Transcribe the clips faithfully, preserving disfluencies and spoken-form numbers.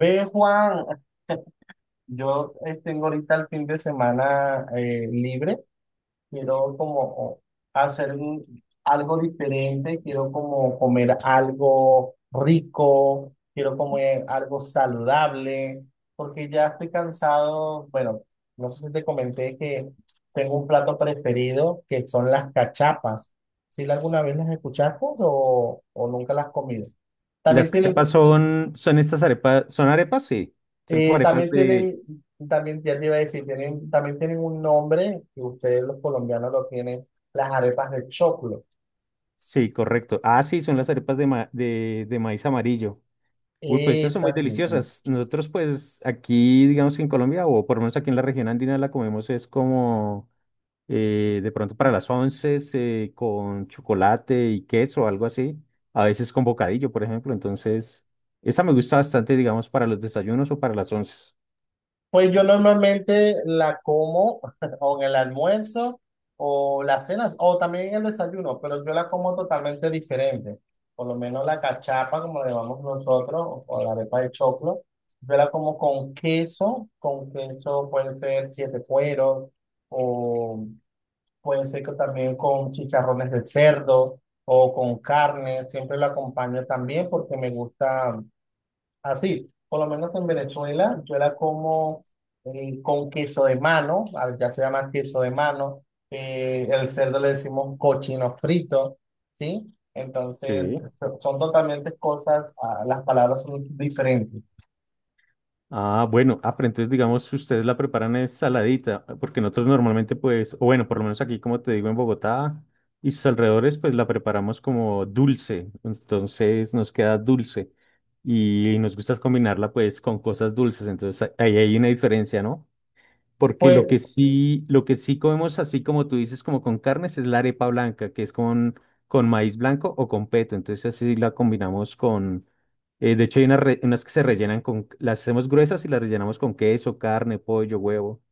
Ve, Juan, yo eh, tengo ahorita el fin de semana eh, libre. Quiero como hacer un- algo diferente. Quiero como comer algo rico. Quiero comer algo saludable. Porque ya estoy cansado. Bueno, no sé si te comenté que tengo un plato preferido que son las cachapas. ¿Si alguna vez las escuchaste o, o nunca las has comido? Las También tienen. cachapas son, son estas arepas, son arepas, sí. Son como Eh, arepas También de, tienen, también ya te iba a decir, tienen, también tienen un nombre, que ustedes los colombianos lo tienen, las arepas de choclo. sí, correcto. Ah, sí, son las arepas de, ma- de, de maíz amarillo. Uy, pues estas son muy Esas mismas. deliciosas. Nosotros, pues, aquí, digamos que en Colombia, o por lo menos aquí en la región andina, la comemos es como eh, de pronto para las once, eh, con chocolate y queso, algo así. A veces con bocadillo, por ejemplo. Entonces, esa me gusta bastante, digamos, para los desayunos o para las once. Pues yo normalmente la como o en el almuerzo o las cenas o también en el desayuno, pero yo la como totalmente diferente. Por lo menos la cachapa, como le llamamos nosotros, o, o la arepa de choclo, yo la como con queso, con queso pueden ser siete cueros o. Puede ser que también con chicharrones de cerdo o con carne, siempre lo acompaño también porque me gusta así. Por lo menos en Venezuela yo la como eh, con queso de mano, ah, ya se llama queso de mano. Eh, el cerdo le decimos cochino frito, ¿sí? Entonces Sí. so- son totalmente cosas, ah, las palabras son diferentes. Ah, bueno, ah, pero entonces digamos, si ustedes la preparan es saladita, porque nosotros normalmente pues, o bueno, por lo menos aquí como te digo en Bogotá y sus alrededores, pues la preparamos como dulce, entonces nos queda dulce y nos gusta combinarla pues con cosas dulces, entonces a- ahí hay una diferencia, ¿no? Porque Pues. lo que sí, lo que sí comemos así como tú dices, como con carnes, es la arepa blanca, que es con, con maíz blanco o con peto. Entonces así la combinamos con, eh, de hecho hay unas, re- unas que se rellenan con, las hacemos gruesas y las rellenamos con queso, carne, pollo, huevo.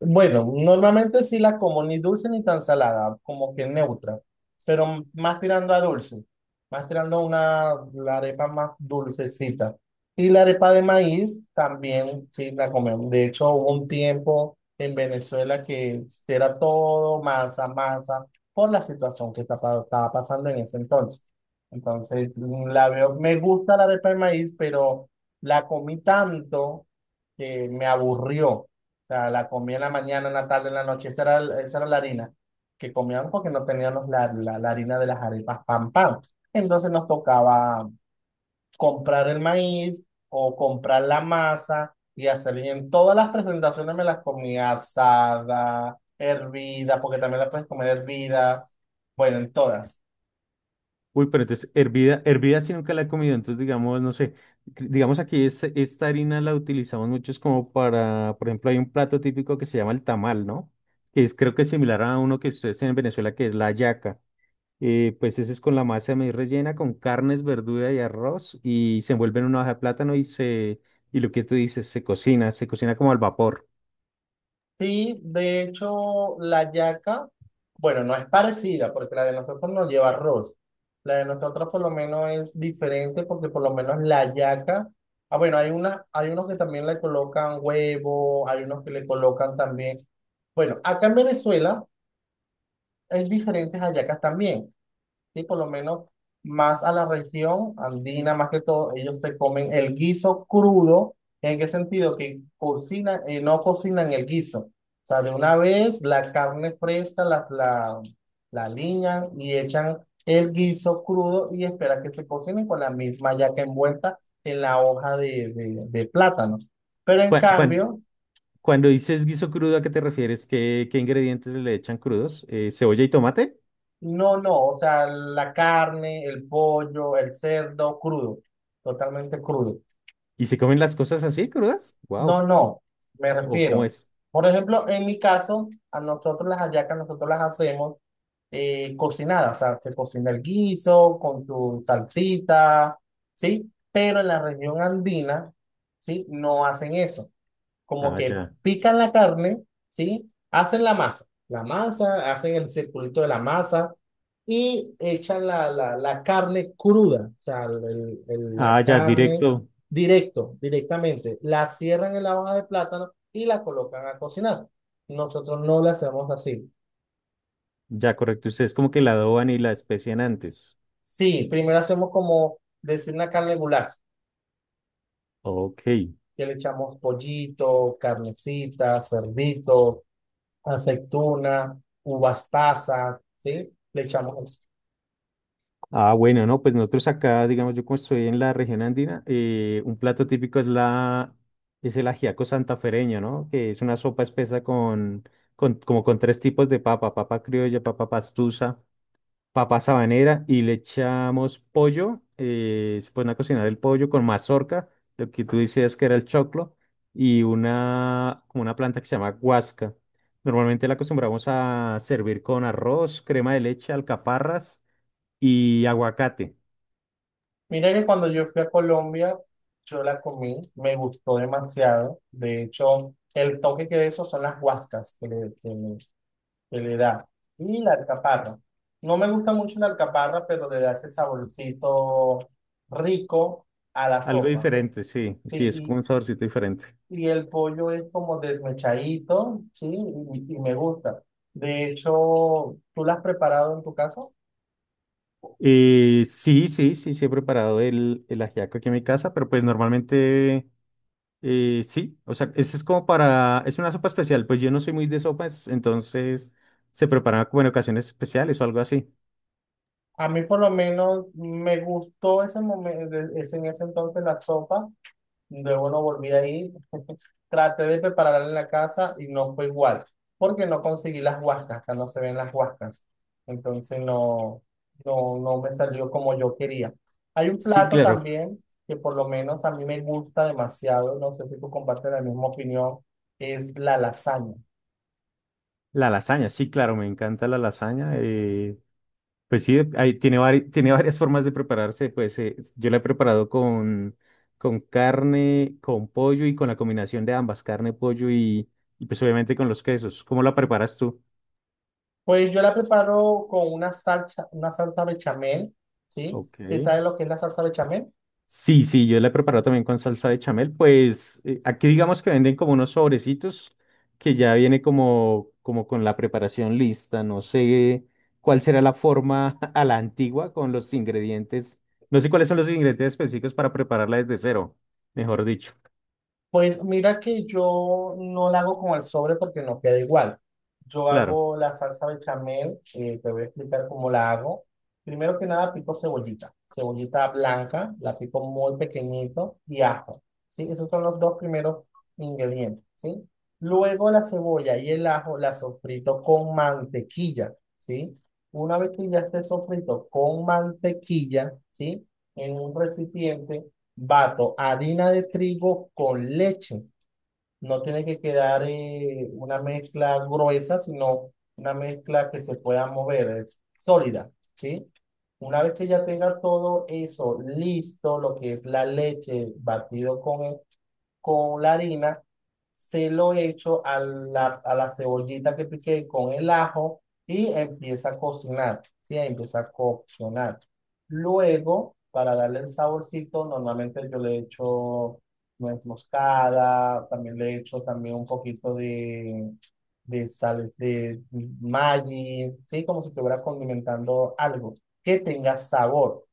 Bueno, normalmente sí la como ni dulce ni tan salada, como que neutra, pero m- más tirando a dulce, más tirando a una la arepa más dulcecita. Y la arepa de maíz también sí la comemos. De hecho, hubo un tiempo en Venezuela que era todo masa, masa, por la situación que estaba, estaba pasando en ese entonces. Entonces, mm, la veo, me gusta la arepa de maíz, pero la comí tanto que me aburrió. O sea, la comía en la mañana, en la tarde, en la noche. Esa era, el- esa era la harina que comíamos porque no teníamos la, la, la harina de las arepas pan pan. Entonces nos tocaba comprar el maíz o comprar la masa y hacer bien todas las presentaciones, me las comía asada, hervida, porque también las puedes comer hervida. Bueno, en todas. Uy, pero entonces hervida, hervida sí nunca la he comido. Entonces digamos, no sé, cre- digamos aquí es- esta harina la utilizamos mucho es como para, por ejemplo, hay un plato típico que se llama el tamal, ¿no? Que es creo que es similar a uno que ustedes en Venezuela, que es la hallaca. Eh, pues ese es con la masa de maíz rellena, con carnes, verdura y arroz, y se envuelve en una hoja de plátano y se, y lo que tú dices, se cocina, se cocina como al vapor. Sí, de hecho, la yaca, bueno, no es parecida porque la de nosotros no lleva arroz. La de nosotros por lo menos es diferente porque por lo menos la yaca, ah, bueno, hay una, hay unos que también le colocan huevo, hay unos que le colocan también, bueno, acá en Venezuela hay diferentes hallacas también. Sí, por lo menos más a la región andina, más que todo, ellos se comen el guiso crudo. ¿En qué sentido? Que cocinan, eh, no cocinan el guiso. O sea, de una vez la carne fresca la, la, la aliñan y echan el guiso crudo y esperan que se cocine con la misma yaca envuelta en la hoja de, de, de plátano. Pero en Cuan- cuan- cambio, Cuando, dices guiso crudo, ¿a qué te refieres? ¿Qué, qué ingredientes le echan crudos? Eh, cebolla y tomate? no, no, o sea, la carne, el pollo, el cerdo crudo, totalmente crudo. ¿Y se comen las cosas así, crudas? No, Wow. no, me ¿O cómo refiero. es? Por ejemplo, en mi caso, a nosotros las hallacas, nosotros las hacemos eh, cocinadas, o sea, se cocina el guiso con tu salsita, ¿sí? Pero en la región andina, ¿sí? No hacen eso como Ah, que ya. pican la carne, ¿sí? Hacen la masa, la masa, hacen el circulito de la masa y echan la, la, la carne cruda, o sea, el- el- la Ah, ya, carne directo. directo, directamente. La cierran en la hoja de plátano y la colocan a cocinar. Nosotros no la hacemos así. Ya, correcto. Ustedes como que la adoban y la especian antes. Sí, primero hacemos como decir una carne goulash, Ok. que le echamos pollito, carnecita, cerdito, aceituna, uvas pasas, ¿sí? Le echamos eso. Ah, bueno, no, pues nosotros acá, digamos, yo como estoy en la región andina, eh, un plato típico es la, es el ajiaco santafereño, ¿no? Que es una sopa espesa con, con, como con tres tipos de papa, papa criolla, papa pastusa, papa sabanera, y le echamos pollo, eh, se pone a cocinar el pollo con mazorca, lo que tú decías que era el choclo, y una, como una planta que se llama guasca. Normalmente la acostumbramos a servir con arroz, crema de leche, alcaparras y aguacate. Mira que cuando yo fui a Colombia, yo la comí, me gustó demasiado. De hecho, el toque que de eso son las guascas que le, que le- que le da. Y la alcaparra. No me gusta mucho la alcaparra, pero le da ese saborcito rico a la Algo sopa. diferente, sí, sí, es como Sí, un saborcito diferente. y, y el pollo es como desmechadito, sí, y y me gusta. De hecho, ¿tú la has preparado en tu casa? Eh, sí, sí, sí, sí he preparado el, el ajiaco aquí en mi casa, pero pues normalmente eh, sí, o sea, ese es como para, es una sopa especial, pues yo no soy muy de sopas, entonces se prepara como en ocasiones especiales o algo así. A mí por lo menos me gustó ese momento, en ese entonces la sopa. Luego no volví ahí. Traté de prepararla en la casa y no fue igual, porque no conseguí las huascas, acá no se ven las huascas. Entonces no, no, no me salió como yo quería. Hay un Sí, plato claro, también que por lo menos a mí me gusta demasiado, no sé si tú compartes la misma opinión, es la lasaña. la lasaña, sí, claro, me encanta la lasaña. eh, Pues sí, ahí tiene, vari- tiene varias formas de prepararse. Pues eh, yo la he preparado con, con carne, con pollo y con la combinación de ambas, carne, pollo y, y pues obviamente con los quesos. ¿Cómo la preparas tú? Pues yo la preparo con una salsa, una salsa bechamel, ¿sí? Ok. ¿Sí sabes lo que es la salsa bechamel? Sí, sí, yo la he preparado también con salsa de chamel. Pues eh, aquí digamos que venden como unos sobrecitos que ya viene como, como con la preparación lista. No sé cuál será la forma a la antigua con los ingredientes. No sé cuáles son los ingredientes específicos para prepararla desde cero, mejor dicho. Pues mira que yo no la hago con el sobre porque no queda igual. Yo Claro. hago la salsa bechamel, eh, te voy a explicar cómo la hago. Primero que nada pico cebollita, cebollita blanca, la pico muy pequeñito y ajo, ¿sí? Esos son los dos primeros ingredientes, ¿sí? Luego la cebolla y el ajo la sofrito con mantequilla, ¿sí? Una vez que ya esté sofrito con mantequilla, ¿sí? En un recipiente. Bato harina de trigo con leche. No tiene que quedar eh, una mezcla gruesa, sino una mezcla que se pueda mover, es sólida, ¿sí? Una vez que ya tenga todo eso listo, lo que es la leche batido con el con la harina, se lo echo a la, a la cebollita que piqué con el ajo y empieza a cocinar, ¿sí? Empieza a coccionar. Luego, para darle el saborcito, normalmente yo le echo nuez moscada, también le echo también un poquito de, de sal, de mm, Maggi, ¿sí? Como si estuviera condimentando algo que tenga sabor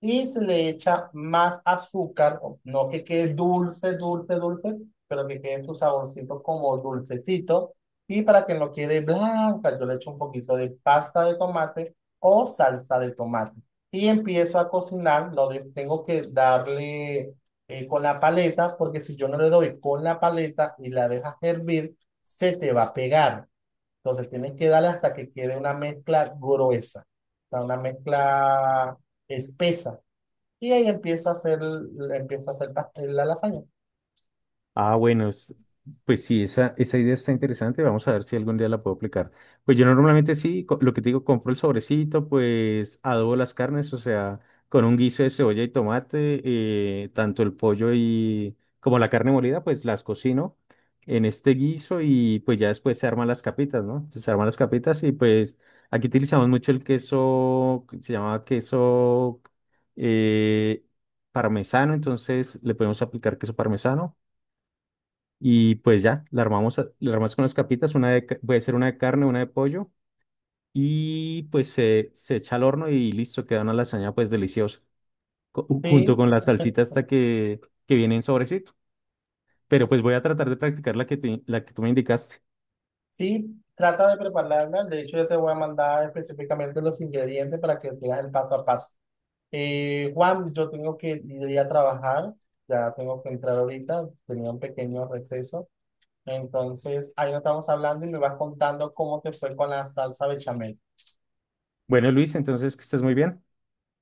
y se le echa más azúcar, no que quede dulce, dulce, dulce, pero que quede su saborcito como dulcecito. Y para que no quede blanca, yo le echo un poquito de pasta de tomate o salsa de tomate. Y empiezo a cocinar, lo de- tengo que darle eh, con la paleta, porque si yo no le doy con la paleta y la dejas hervir, se te va a pegar. Entonces tienes que darle hasta que quede una mezcla gruesa, o sea, una mezcla espesa. Y ahí empiezo a hacer, empiezo a hacer pas- la lasaña. Ah, bueno, es- pues sí, esa, esa idea está interesante. Vamos a ver si algún día la puedo aplicar. Pues yo normalmente sí, co- lo que te digo, compro el sobrecito, pues adobo las carnes, o sea, con un guiso de cebolla y tomate, eh, tanto el pollo y como la carne molida, pues las cocino en este guiso y pues ya después se arman las capitas, ¿no? Entonces, se arman las capitas y pues aquí utilizamos mucho el queso, que se llama queso eh, parmesano, entonces le podemos aplicar queso parmesano. Y pues ya, la armamos, a- la armas con las capitas, una de, ca- puede ser una de carne, una de pollo, y pues se, se echa al horno y listo, queda una lasaña pues deliciosa, co- junto Sí, con la salsita hasta que, que viene en sobrecito. Pero pues voy a tratar de practicar la que, te- la que tú me indicaste. sí, trata de prepararla. De hecho, yo te voy a mandar específicamente los ingredientes para que veas el paso a paso. Eh, Juan, yo tengo que ir a trabajar, ya tengo que entrar ahorita, tenía un pequeño receso. Entonces, ahí nos estamos hablando y me vas contando cómo te fue con la salsa bechamel. Bueno, Luis, entonces que estés muy bien.